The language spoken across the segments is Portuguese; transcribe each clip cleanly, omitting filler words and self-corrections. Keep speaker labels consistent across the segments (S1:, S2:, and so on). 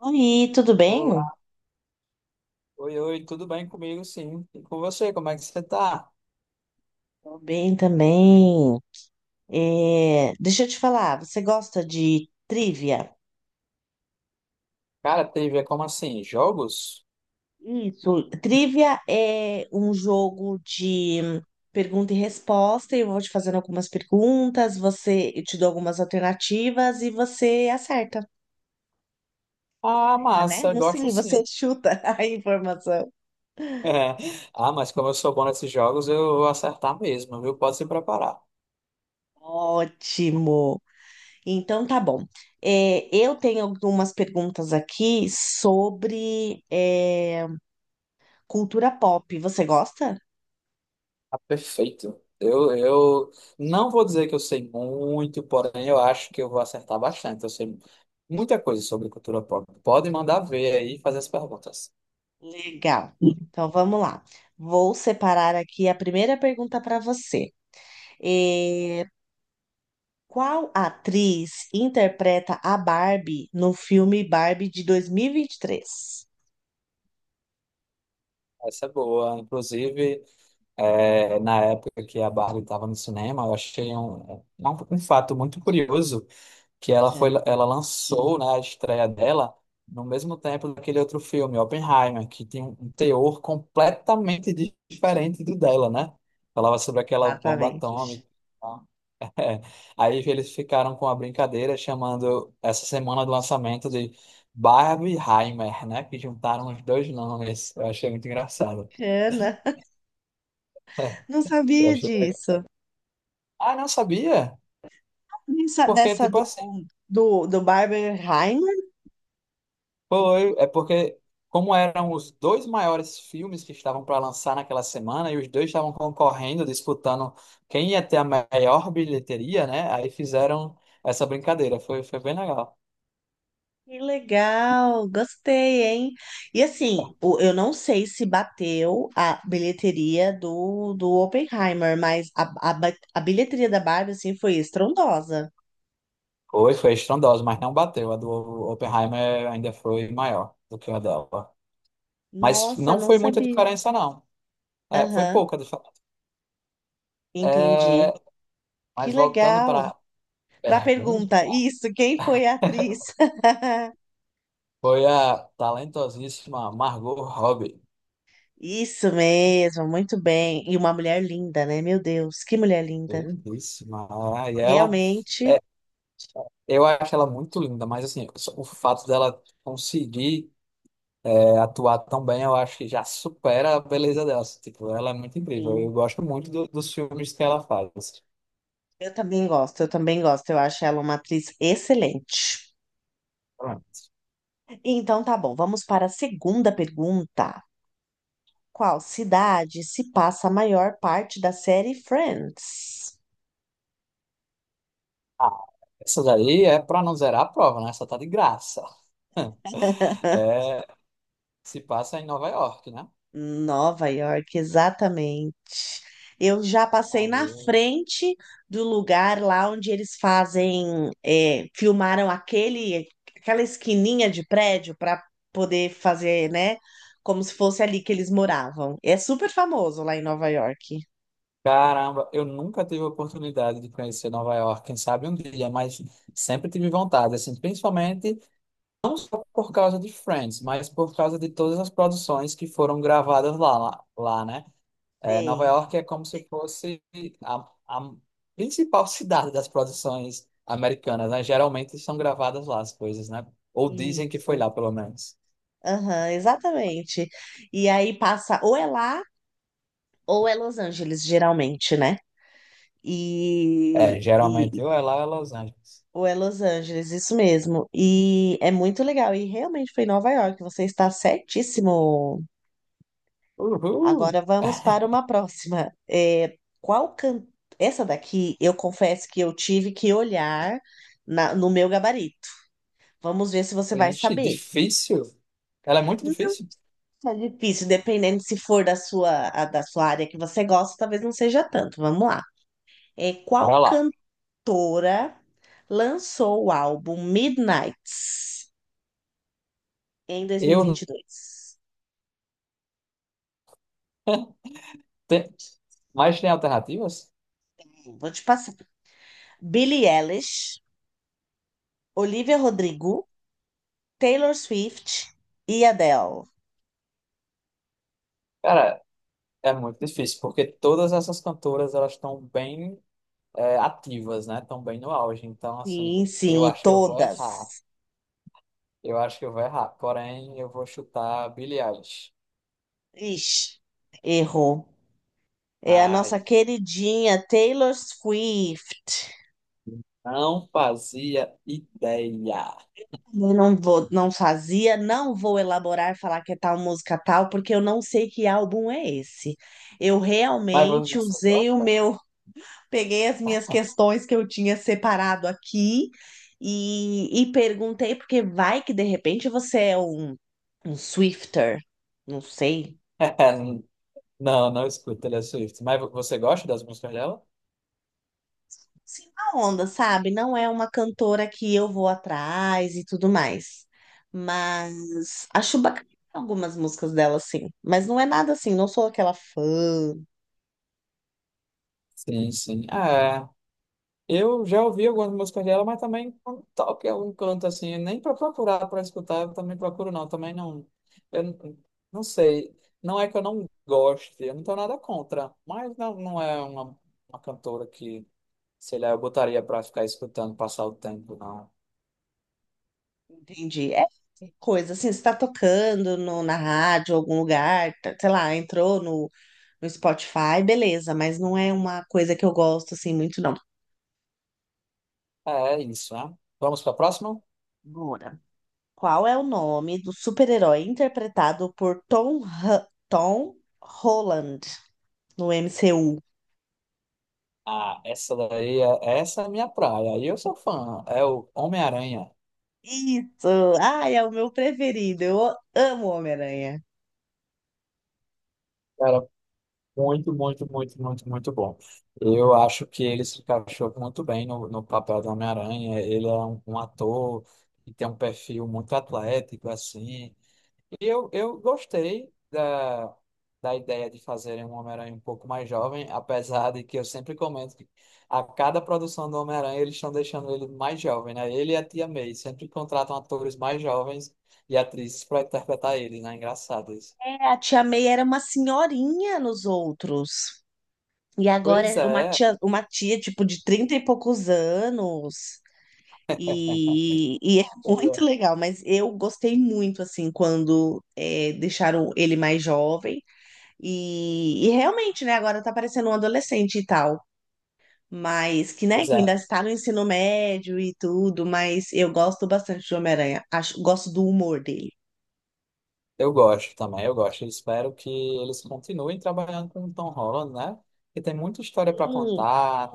S1: Oi, tudo bem?
S2: Olá, oi, oi, tudo bem comigo, sim. E com você, como é que você tá?
S1: Tô bem também. Deixa eu te falar, você gosta de trivia?
S2: Cara, trivia, como assim? Jogos?
S1: Isso. Trivia é um jogo de pergunta e resposta. Eu vou te fazendo algumas perguntas, você, eu te dou algumas alternativas e você acerta.
S2: Ah,
S1: Erra, né?
S2: massa,
S1: Não
S2: gosto
S1: sei,
S2: sim.
S1: você chuta a informação.
S2: É. Ah, mas como eu sou bom nesses jogos, eu vou acertar mesmo, viu? Pode se preparar.
S1: Ótimo. Então tá bom. Eu tenho algumas perguntas aqui sobre. Cultura pop, você gosta?
S2: Ah, perfeito. Eu não vou dizer que eu sei muito, porém eu acho que eu vou acertar bastante. Eu sei muita coisa sobre cultura pop. Pode mandar ver aí e fazer as perguntas.
S1: Legal. Então vamos lá. Vou separar aqui a primeira pergunta para você. É, qual atriz interpreta a Barbie no filme Barbie de 2023?
S2: Essa é boa. Inclusive, na época que a Barbie estava no cinema, eu achei um fato muito curioso que ela foi,
S1: É,
S2: ela lançou, né, a estreia dela no mesmo tempo daquele outro filme, Oppenheimer, que tem um teor completamente diferente do dela, né? Falava sobre aquela bomba
S1: exatamente.
S2: atômica. É. Aí eles ficaram com a brincadeira chamando essa semana do lançamento de Barbieheimer, né? Que juntaram os dois nomes. Eu achei muito engraçado.
S1: Ana, não
S2: Eu
S1: sabia
S2: achei legal.
S1: disso.
S2: Ah, não sabia?
S1: Nessa-
S2: Porque,
S1: Dessa
S2: tipo
S1: do,
S2: assim,
S1: do, do Barbenheimer.
S2: foi, é porque, como eram os dois maiores filmes que estavam para lançar naquela semana, e os dois estavam concorrendo, disputando quem ia ter a maior bilheteria, né? Aí fizeram essa brincadeira. Foi bem legal.
S1: Que legal, gostei, hein? E assim, eu não sei se bateu a bilheteria do Oppenheimer, mas a bilheteria da Barbie, assim, foi estrondosa.
S2: Foi estrondosa, mas não bateu. A do Oppenheimer ainda foi maior do que a dela. Mas
S1: Nossa,
S2: não
S1: não
S2: foi muita
S1: sabia.
S2: diferença, não. É, foi
S1: Aham,
S2: pouca diferença.
S1: entendi.
S2: É,
S1: Que
S2: mas voltando para
S1: legal.
S2: a
S1: Pra
S2: pergunta,
S1: pergunta, isso, quem foi a atriz?
S2: foi a talentosíssima Margot Robbie.
S1: Isso mesmo, muito bem. E uma mulher linda, né? Meu Deus, que mulher linda.
S2: Lindíssima. Ah, e ela,
S1: Realmente,
S2: é, eu acho ela muito linda, mas assim, só o fato dela conseguir atuar tão bem, eu acho que já supera a beleza dela. Assim, tipo, ela é muito incrível. Eu
S1: sim.
S2: gosto muito dos filmes que ela faz.
S1: Eu também gosto, eu também gosto. Eu acho ela uma atriz excelente.
S2: Pronto.
S1: Então tá bom, vamos para a segunda pergunta. Qual cidade se passa a maior parte da série Friends?
S2: Ah, essa daí é pra não zerar a prova, né? Essa tá de graça. É, se passa em Nova York, né?
S1: Nova York, exatamente. Eu já passei na
S2: Aí,
S1: frente do lugar lá onde eles fazem, filmaram aquele, aquela esquininha de prédio para poder fazer, né? Como se fosse ali que eles moravam. É super famoso lá em Nova York.
S2: caramba, eu nunca tive a oportunidade de conhecer Nova York, quem sabe um dia, mas sempre tive vontade, assim, principalmente por causa de Friends, mas por causa de todas as produções que foram gravadas lá, né? É, Nova
S1: Sei.
S2: York é como se fosse a principal cidade das produções americanas, né? Geralmente são gravadas lá as coisas, né? Ou dizem que foi
S1: Isso.
S2: lá, pelo menos.
S1: Aham, exatamente. E aí passa, ou é lá, ou é Los Angeles, geralmente, né? E,
S2: É, geralmente
S1: e
S2: ou é lá ou é Los Angeles.
S1: ou é Los Angeles, isso mesmo. E é muito legal. E realmente foi em Nova York, você está certíssimo.
S2: Uhul!
S1: Agora vamos para uma próxima. Qual can... Essa daqui, eu confesso que eu tive que olhar no meu gabarito. Vamos ver se você vai
S2: Ixi,
S1: saber.
S2: difícil. Ela é muito difícil?
S1: É difícil, dependendo se for da sua, da sua área que você gosta, talvez não seja tanto. Vamos lá.
S2: Bora
S1: Qual
S2: lá.
S1: cantora lançou o álbum Midnights em dois mil e
S2: Eu não
S1: vinte e dois?
S2: tenho... Mas tem alternativas?
S1: Vou te passar. Billie Eilish, Olivia Rodrigo, Taylor Swift e Adele.
S2: Cara, é muito difícil, porque todas essas cantoras, elas estão bem ativas, né? Estão bem no auge. Então, assim,
S1: Sim,
S2: eu
S1: sim,
S2: acho que eu vou errar.
S1: todas.
S2: Eu acho que eu vou errar. Porém, eu vou chutar Billie Eilish.
S1: Ixi, errou. É a nossa
S2: Ai,
S1: queridinha Taylor Swift.
S2: não fazia ideia.
S1: Eu não vou, não fazia, não vou elaborar e falar que é tal música tal, porque eu não sei que álbum é esse. Eu
S2: Mas
S1: realmente
S2: você
S1: usei o
S2: gosta?
S1: meu, peguei as minhas questões que eu tinha separado aqui e perguntei, porque vai que de repente você é um, um Swifter, não sei.
S2: Não, não escuto Taylor Swift. Mas você gosta das músicas dela?
S1: Sim, a onda, sabe? Não é uma cantora que eu vou atrás e tudo mais. Mas acho bacana algumas músicas dela, sim. Mas não é nada assim, não sou aquela fã,
S2: Sim, sim. É. Eu já ouvi algumas músicas dela, mas também quando toca em algum canto assim, nem para procurar, para escutar, eu também procuro não, também não. Eu não Não sei, não é que eu não goste, eu não tenho nada contra, mas não, não é uma cantora que, sei lá, eu botaria para ficar escutando, passar o tempo, não.
S1: entendi. É coisa assim, você tá tocando no, na rádio, algum lugar, tá- sei lá, entrou no Spotify, beleza, mas não é uma coisa que eu gosto assim muito, não.
S2: É, é isso, né? Vamos para a próxima?
S1: Bora. Qual é o nome do super-herói interpretado por Tom Holland no MCU?
S2: Ah, essa daí, essa é a minha praia, e eu sou fã, é o Homem-Aranha.
S1: Isso! Ai, é o meu preferido. Eu amo Homem-Aranha.
S2: Muito, muito, muito, muito, muito bom. Eu acho que ele se encaixou muito bem no papel do Homem-Aranha. Ele é um ator que tem um perfil muito atlético, assim. E eu gostei da ideia de fazerem um Homem-Aranha um pouco mais jovem, apesar de que eu sempre comento que a cada produção do Homem-Aranha eles estão deixando ele mais jovem, né? Ele e a Tia May sempre contratam atores mais jovens e atrizes para interpretar ele, né? Engraçado isso.
S1: É, a tia May era uma senhorinha nos outros. E agora
S2: Pois
S1: é
S2: é.
S1: uma tia tipo de 30 e poucos anos. É
S2: Pois
S1: muito
S2: é.
S1: legal, mas eu gostei muito assim quando deixaram ele mais jovem. Realmente, né, agora tá parecendo um adolescente e tal. Mas que, né,
S2: Pois
S1: que ainda
S2: é,
S1: está no ensino médio e tudo, mas eu gosto bastante do Homem-Aranha. Acho, gosto do humor dele.
S2: eu gosto também, eu gosto. Eu espero que eles continuem trabalhando com o Tom Holland, né? Porque tem muita história para
S1: Sim,
S2: contar,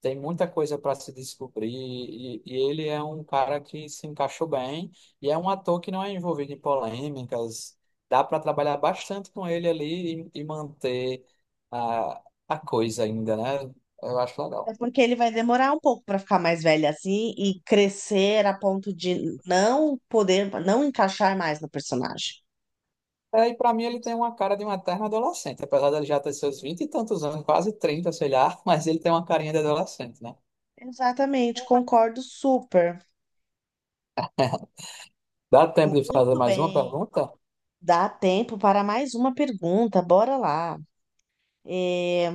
S2: tem muita coisa para se descobrir, e, ele é um cara que se encaixou bem, e é um ator que não é envolvido em polêmicas. Dá para trabalhar bastante com ele ali e manter a coisa ainda, né? Eu acho
S1: é
S2: legal.
S1: porque ele vai demorar um pouco para ficar mais velho assim e crescer a ponto de não poder, não encaixar mais no personagem.
S2: É, e para mim ele tem uma cara de um eterno adolescente, apesar dele já ter seus vinte e tantos anos, quase 30, sei lá, mas ele tem uma carinha de adolescente, né?
S1: Exatamente, concordo super.
S2: Dá tempo de fazer
S1: Muito
S2: mais uma
S1: bem.
S2: pergunta?
S1: Dá tempo para mais uma pergunta, bora lá. É,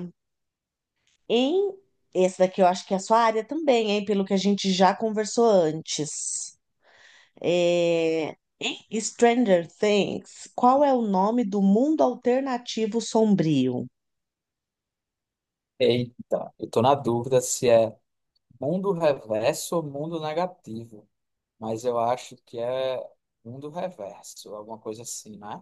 S1: em esse daqui eu acho que é a sua área também, hein, pelo que a gente já conversou antes. Em Stranger Things, qual é o nome do mundo alternativo sombrio?
S2: Eita, eu tô na dúvida se é mundo reverso ou mundo negativo, mas eu acho que é mundo reverso, alguma coisa assim, né?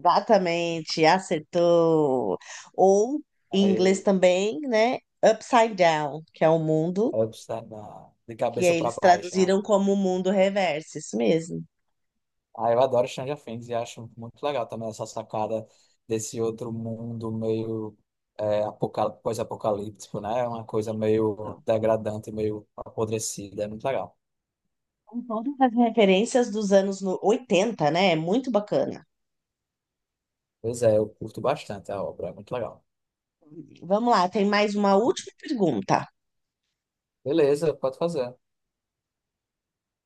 S1: Exatamente, acertou. Ou, em inglês
S2: Aí
S1: também, né? Upside Down, que é o mundo,
S2: eu estar na- De
S1: que
S2: cabeça
S1: aí
S2: para
S1: eles
S2: baixo, né?
S1: traduziram como o mundo reverso, isso mesmo.
S2: Aí eu adoro Stranger Things e acho muito legal também essa sacada desse outro mundo meio pós-apocalíptico, né? É uma coisa meio
S1: Então,
S2: degradante, meio apodrecida, é muito legal.
S1: são todas as referências dos anos 80, né? É muito bacana.
S2: Pois é, eu curto bastante a obra, é muito legal.
S1: Vamos lá, tem mais uma última pergunta.
S2: Beleza, pode fazer.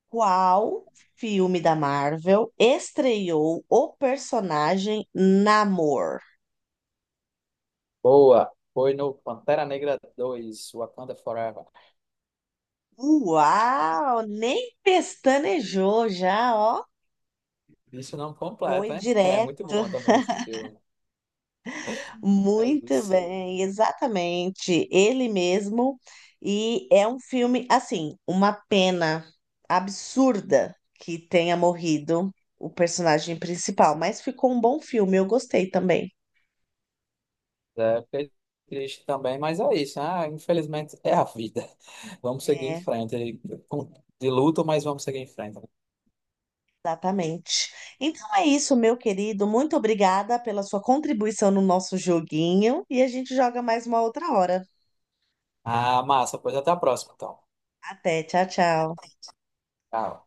S1: Qual filme da Marvel estreou o personagem Namor?
S2: Boa. Foi no Pantera Negra 2 Wakanda Forever.
S1: Uau, nem pestanejou já, ó.
S2: Isso não completo,
S1: Foi
S2: hein? É muito
S1: direto,
S2: bom também esse filme. É
S1: muito
S2: isso.
S1: bem, exatamente, ele mesmo. E é um filme, assim, uma pena absurda que tenha morrido o personagem principal, mas ficou um bom filme, eu gostei também.
S2: É, fiquei triste também, mas é isso, né? Ah, infelizmente é a vida. Vamos seguir em
S1: É,
S2: frente. Com De luto, mas vamos seguir em frente.
S1: exatamente. Então é isso, meu querido, muito obrigada pela sua contribuição no nosso joguinho e a gente joga mais uma outra hora.
S2: Ah, massa. Pois até a próxima, então.
S1: Até, tchau, tchau.
S2: Tchau.